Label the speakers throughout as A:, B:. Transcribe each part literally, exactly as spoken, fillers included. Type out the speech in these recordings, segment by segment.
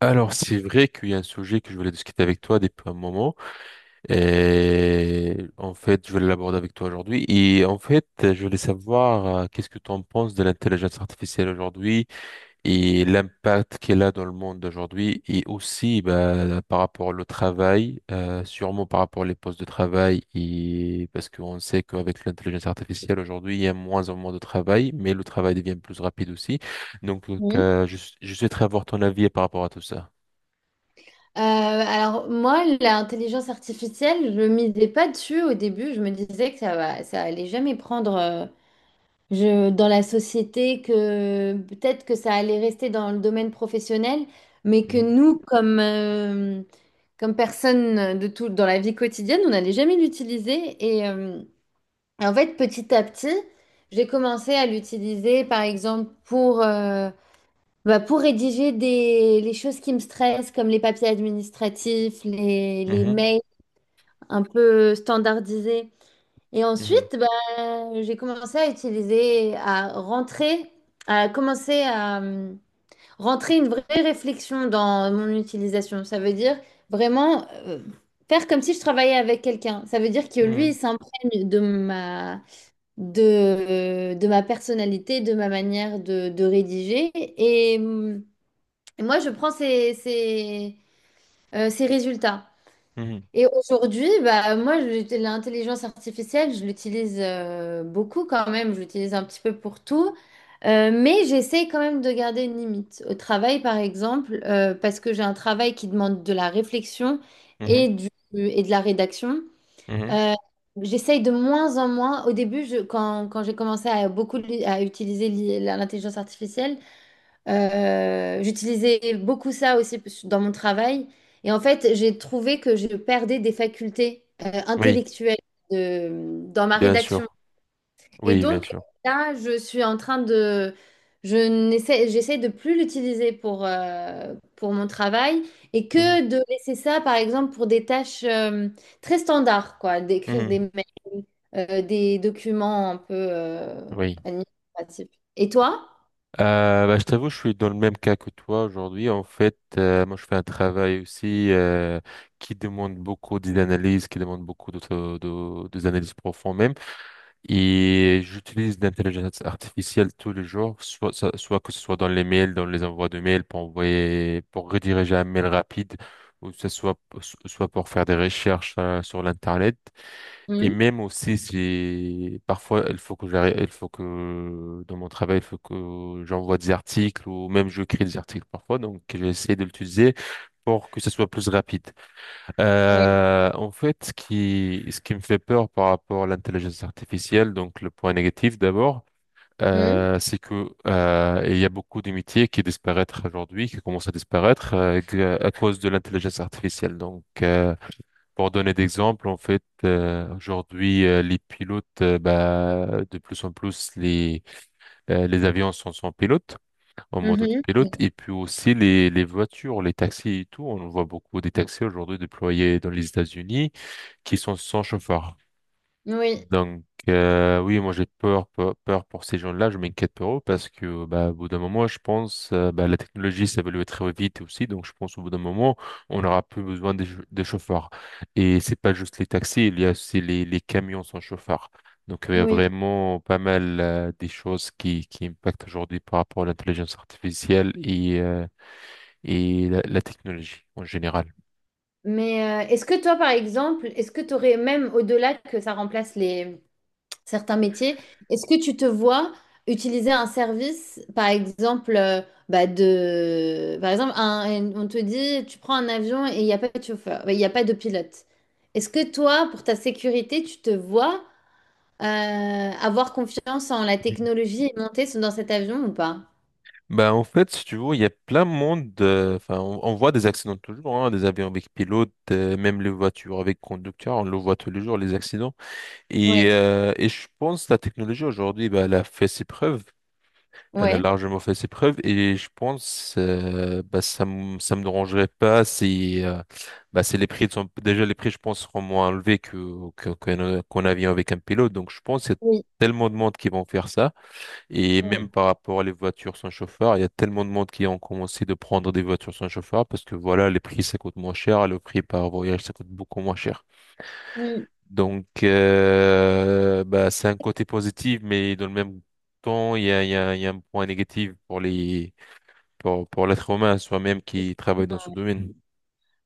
A: Alors, c'est vrai qu'il y a un sujet que je voulais discuter avec toi depuis un moment. Et en fait, je voulais l'aborder avec toi aujourd'hui. Et en fait, je voulais savoir euh, qu'est-ce que tu en penses de l'intelligence artificielle aujourd'hui et l'impact qu'elle a dans le monde d'aujourd'hui. Et aussi, bah, par rapport au travail, euh, sûrement par rapport aux postes de travail. Et parce qu'on sait qu'avec l'intelligence artificielle aujourd'hui, il y a moins en moins de travail, mais le travail devient plus rapide aussi. Donc,
B: Mhm.
A: euh, je, je souhaiterais avoir ton avis par rapport à tout ça.
B: Euh, alors moi, l'intelligence artificielle, je ne misais pas dessus au début. Je me disais que ça va, ça allait jamais prendre euh, je, dans la société, que peut-être que ça allait rester dans le domaine professionnel, mais que
A: Mhm,
B: nous, comme, euh, comme personne de tout, dans la vie quotidienne, on n'allait jamais l'utiliser. Et euh, en fait, petit à petit, j'ai commencé à l'utiliser, par exemple, pour... euh, Bah, pour rédiger des, les choses qui me stressent, comme les papiers administratifs, les, les
A: mhm,
B: mails un peu standardisés. Et
A: mhm,
B: ensuite, bah, j'ai commencé à utiliser, à rentrer, à commencer à hum, rentrer une vraie réflexion dans mon utilisation. Ça veut dire vraiment euh, faire comme si je travaillais avec quelqu'un. Ça veut dire que lui, il
A: mhm,
B: s'imprègne de ma, de, de ma personnalité, de ma manière de, de rédiger. Et. Hum, et moi, je prends ces, ces, euh, ces résultats.
A: mhm,
B: Et aujourd'hui, bah, moi, je- l'intelligence artificielle, je l'utilise euh, beaucoup quand même. Je l'utilise un petit peu pour tout. Euh, mais j'essaie quand même de garder une limite. Au travail, par exemple, euh, parce que j'ai un travail qui demande de la réflexion
A: mhm,
B: et, du, et de la rédaction.
A: mhm.
B: euh, J'essaye de moins en moins. Au début, je- quand, quand j'ai commencé à beaucoup li- à utiliser l'I- l'intelligence artificielle, euh, j'utilisais beaucoup ça aussi dans mon travail. Et en fait, j'ai trouvé que je perdais des facultés euh,
A: Oui,
B: intellectuelles de- dans ma
A: bien
B: rédaction.
A: sûr.
B: Et
A: Oui, bien
B: donc,
A: sûr.
B: là, je suis en train de... Je n'essaie, j'essaie de plus l'utiliser pour, euh, pour mon travail et
A: Mhm,
B: que de laisser ça, par exemple, pour des tâches euh, très standards, quoi, d'écrire des
A: mhm.
B: mails, euh, des documents un peu euh,
A: Oui.
B: administratifs. Et toi?
A: Euh, bah, je t'avoue, je suis dans le même cas que toi aujourd'hui. En fait, euh, moi, je fais un travail aussi euh, qui demande beaucoup d'analyse, qui demande beaucoup d'autres- de, des analyses profondes même. Et j'utilise l'intelligence artificielle tous les jours, soit, ça- soit que ce soit dans les mails, dans les envois de mails pour envoyer, pour rediriger un mail rapide, ou que ce soit, soit pour faire des recherches euh, sur l'Internet. Et
B: Mhm.
A: même aussi, c'est parfois, il faut que j'arrête, il faut que dans mon travail, il faut que j'envoie des articles ou même je crée des articles parfois. Donc, j'essaie de l'utiliser pour que ce soit plus rapide. Euh, en fait, ce qui, ce qui me fait peur par rapport à l'intelligence artificielle, donc le point négatif d'abord,
B: Oui.
A: euh, c'est que euh, il y a beaucoup de métiers qui disparaissent aujourd'hui, qui commencent à disparaître euh, à cause de l'intelligence artificielle. Donc, euh, pour donner d'exemple, en fait, euh, aujourd'hui, euh, les pilotes, euh, bah, de plus en plus, les, euh, les avions sont sans pilote, en mode
B: Mhm.
A: autopilote, et puis aussi les, les voitures, les taxis et tout. On voit beaucoup des taxis aujourd'hui déployés dans les États-Unis qui sont sans chauffeur.
B: Oui,
A: Donc, euh, oui, moi j'ai peur, peur, peur pour ces gens-là, je m'inquiète pour eux parce que, bah, au bout d'un moment, je pense, euh, bah, la technologie s'évolue très vite aussi, donc je pense au bout d'un moment, on n'aura plus besoin des chau- de, chauffeurs. Et c'est pas juste les taxis, il y a aussi les, les camions sans chauffeur. Donc, il y a
B: oui.
A: vraiment pas mal, euh, des choses qui, qui impactent aujourd'hui par rapport à l'intelligence artificielle et, euh, et la la technologie en général.
B: Mais euh, est-ce que toi, par exemple, est-ce que tu aurais, même au-delà que ça remplace les certains métiers, est-ce que tu te vois utiliser un service, par exemple, euh, bah de, par exemple, un- un- on te dit, tu prends un avion et il n'y a pas de chauffeur, il n'y a pas de pilote. Est-ce que toi, pour ta sécurité, tu te vois euh, avoir confiance en la technologie et monter dans cet avion ou pas?
A: Ben en fait, si tu veux, il y a plein de monde. euh, Enfin, on, on voit des accidents toujours, hein, des avions avec pilote, euh, même les voitures avec conducteur, on le voit tous les jours, les accidents. Et,
B: Oui,
A: euh, et je pense que la technologie aujourd'hui, ben elle a fait ses preuves. Elle a
B: ouais,
A: largement fait ses preuves. Et je pense, euh, bah, ça, me- ça me dérangerait pas si, euh, bah, si les prix sont, déjà les prix, je pense, seront moins élevés que, que, qu'un, qu'un avion avec un pilote. Donc, je pense qu'il y a
B: oui,
A: tellement de monde qui vont faire ça. Et même par rapport à les voitures sans chauffeur, il y a tellement de monde qui ont commencé de prendre des voitures sans chauffeur parce que voilà, les prix ça coûte moins cher, le prix par voyage ça coûte beaucoup moins cher.
B: oui.
A: Donc euh, bah, c'est un côté positif, mais dans le même temps, il y a, il y a- il y a un point négatif pour les pour, pour l'être humain soi-même qui travaille dans ce domaine.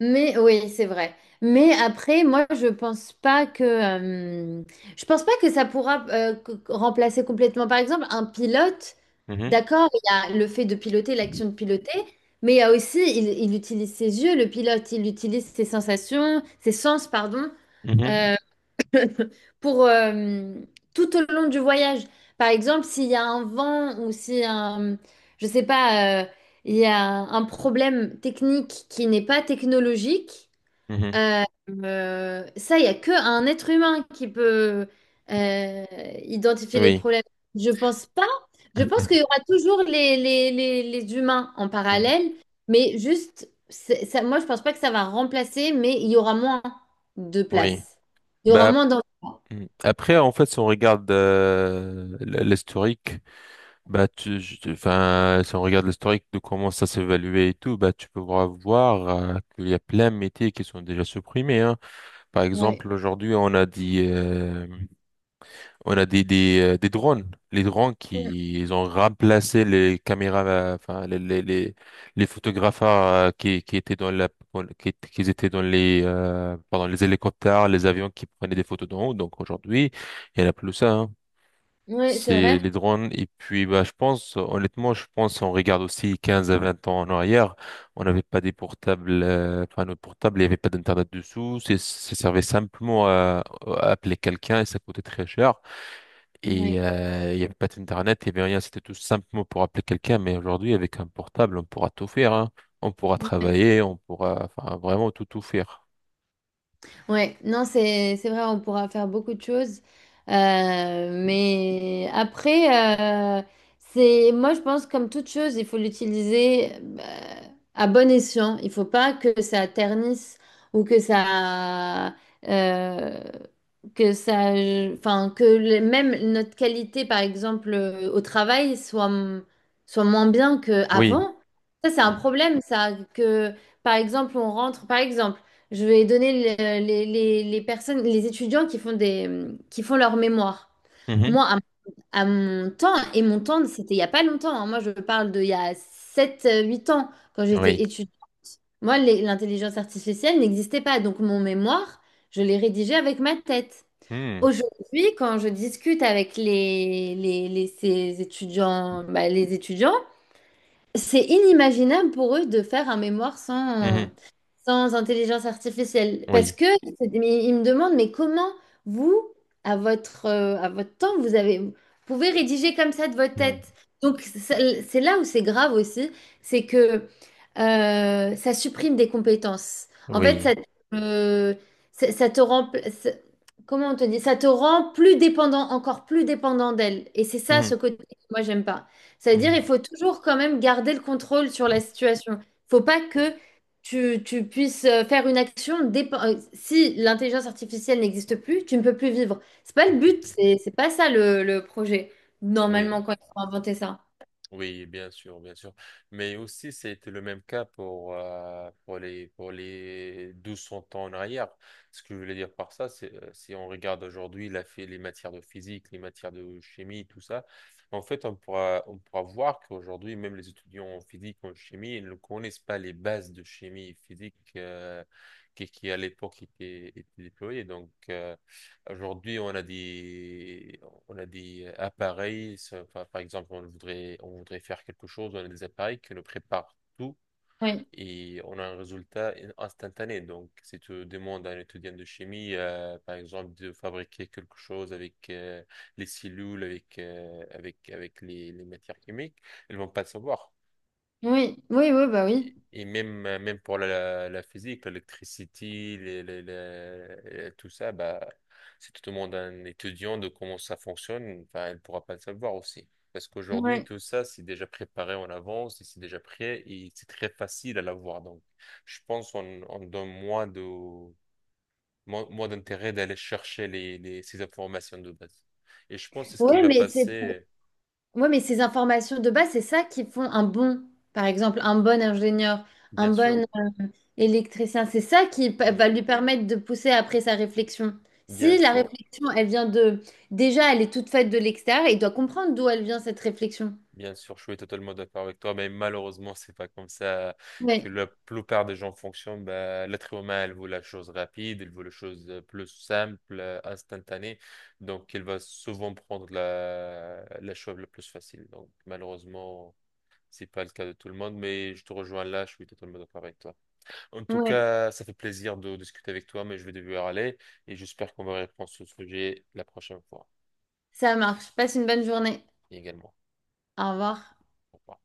B: Mais oui, c'est vrai. Mais après, moi, je pense pas que euh, je pense pas que ça pourra euh, c- remplacer complètement. Par exemple, un pilote,
A: Mhm,
B: d'accord, il y a le fait de piloter, l'action de piloter, mais il y a aussi, il, il utilise ses yeux, le pilote, il utilise ses sensations, ses sens, pardon,
A: mhm,
B: euh, pour euh, tout au long du voyage. Par exemple, s'il y a un vent ou si un, je sais pas, euh, il y a un problème technique qui n'est pas technologique.
A: mhm.
B: Euh, euh, Ça, il n'y a que un être humain qui peut euh, identifier les
A: Oui.
B: problèmes. Je pense pas. Je pense
A: Mhm.
B: qu'il y aura toujours les, les, les, les humains en
A: Mhm.
B: parallèle, mais juste, c'est- ça, moi, je pense pas que ça va remplacer, mais il y aura moins de
A: Oui.
B: place. Il y aura
A: Bah,
B: moins d'en...
A: mm. après, en fait, si on regarde euh, l- l'historique. Bah, tu, je- tu- enfin, si on regarde l'historique de comment ça s'évaluait et tout, bah, tu peux voir, voir, euh, qu'il y a plein de métiers qui sont déjà supprimés, hein. Par
B: Ouais,
A: exemple, aujourd'hui, on a dit, euh, on a des, des, euh, des drones. Les drones qui, ils ont remplacé les caméras, euh, enfin, les, les, les, les photographes, euh, qui, qui étaient dans la, qui, qui étaient dans les, euh, pardon, les hélicoptères, les avions qui prenaient des photos d'en haut. Donc, aujourd'hui, il n'y en a plus ça, hein.
B: oui, c'est
A: C'est
B: vrai.
A: les drones. Et puis, bah, je pense, honnêtement, je pense, on regarde aussi quinze à vingt ans en arrière, on n'avait pas des portables, euh, enfin, nos portables, il n'y avait pas d'Internet dessous. C'est- Ça servait simplement à, à appeler quelqu'un et ça coûtait très cher. Et
B: Ouais,
A: euh, il n'y avait pas d'Internet, il n'y avait rien. C'était tout simplement pour appeler quelqu'un. Mais aujourd'hui, avec un portable, on pourra tout faire, hein. On pourra
B: ouais.
A: travailler, on pourra, enfin, vraiment tout, tout faire.
B: Ouais, non, c'est c'est vrai, on pourra faire beaucoup de choses. Euh, mais après, euh, c'est moi, je pense, comme toute chose, il faut l'utiliser euh, à bon escient. Il faut pas que ça ternisse ou que ça, euh, que ça, enfin, que le- même notre qualité, par exemple, euh, au travail soit, m- soit moins bien
A: Oui.
B: qu'avant. Ça, c'est un
A: Mm.
B: problème, ça, que. Par exemple, on rentre, par exemple, je vais donner le- les, les- les personnes, les étudiants qui font des, qui font leur mémoire.
A: Mhm.
B: Moi, à, à mon temps, et mon temps, c'était il n'y a pas longtemps. Hein. Moi, je parle de il y a sept euh, huit ans, quand j'étais
A: Oui.
B: étudiante. Moi, les- l'intelligence artificielle n'existait pas. Donc, mon mémoire, je l'ai rédigé avec ma tête.
A: Mm.
B: Aujourd'hui, quand je discute avec les, les, les- ces étudiants, bah, les étudiants, c'est inimaginable pour eux de faire un mémoire sans,
A: Mhm.
B: sans intelligence artificielle. Parce
A: Oui.
B: que, c'est- mais ils me demandent, mais comment vous, à votre, euh, à votre temps, vous avez, vous pouvez rédiger comme ça de votre
A: Mhm.
B: tête? Donc, c'est c'est là où c'est grave aussi, c'est que euh, ça supprime des compétences. En fait, ça,
A: Oui.
B: euh, ça, ça te rend, ça- comment on te dit? Ça te rend plus dépendant, encore plus dépendant d'elle. Et c'est ça, ce
A: Mhm.
B: côté que moi, j'aime pas. Ça veut dire il
A: Mhm.
B: faut toujours quand même garder le contrôle sur la situation. Faut pas que tu, tu puisses euh, faire une action dépe- euh, si l'intelligence artificielle n'existe plus, tu ne peux plus vivre. C'est pas le but, c'est c'est pas ça le, le projet.
A: Oui,
B: Normalement, quand ils ont inventé ça.
A: oui, bien sûr, bien sûr. Mais aussi, c'était le même cas pour, euh, pour les, pour les mille deux cents ans en arrière. Ce que je voulais dire par ça, c'est euh, si on regarde aujourd'hui la, phé- les matières de physique, les matières de chimie, tout ça, en fait, on pourra, on pourra voir qu'aujourd'hui, même les étudiants en physique, en chimie, ils ne connaissent pas les bases de chimie et physique euh, qui, qui, à l'époque, étaient, étaient déployées. Donc, euh, aujourd'hui, on a des, on a des appareils. Ça- enfin, par exemple, on voudrait, on voudrait faire quelque chose. On a des appareils qui nous préparent tout
B: Oui,
A: et on a un résultat instantané. Donc, si tu demandes à un étudiant de chimie, euh, par exemple, de fabriquer quelque chose avec euh, les cellules, avec, euh, avec, avec les, les matières chimiques, ils vont pas le savoir.
B: oui, oui, oui, bah oui.
A: Et même, euh, même pour la, la physique, l'électricité, les- les- les- tout ça, bah, si tu demandes à un étudiant de comment ça fonctionne, enfin, il ne pourra pas le savoir aussi. Parce qu'aujourd'hui,
B: Oui,
A: tout ça, c'est déjà préparé en avance, et c'est déjà prêt et c'est très facile à l'avoir. Donc, je pense qu'on on donne moins de, moins, moins d'intérêt d'aller chercher les, les- ces informations de base. Et je pense que c'est ce qui
B: oui,
A: va
B: mais c'est pour-
A: passer,
B: ouais, mais ces informations de base, c'est ça qui font un bon, par exemple, un bon ingénieur, un
A: bien
B: bon
A: sûr.
B: électricien, c'est ça qui pa-
A: Hmm.
B: va lui permettre de pousser après sa réflexion.
A: Bien
B: Si la
A: sûr.
B: réflexion, elle vient de... Déjà, elle est toute faite de l'extérieur, il doit comprendre d'où elle vient cette réflexion.
A: Bien sûr, je suis totalement d'accord avec toi, mais malheureusement, c'est pas comme ça que
B: Oui,
A: la plupart des gens fonctionnent. Bah, l'être humain, il veut la chose rapide, elle veut la chose euh, plus simple, euh, instantanée, donc elle va souvent prendre la, la chose la plus facile. Donc, malheureusement, c'est pas le cas de tout le monde, mais je te rejoins là, je suis totalement d'accord avec toi. En tout
B: oui.
A: cas, ça fait plaisir de discuter avec toi, mais je vais devoir aller et j'espère qu'on va reprendre ce sujet la prochaine fois
B: Ça marche. Passe une bonne journée.
A: également.
B: Au revoir.
A: Au revoir.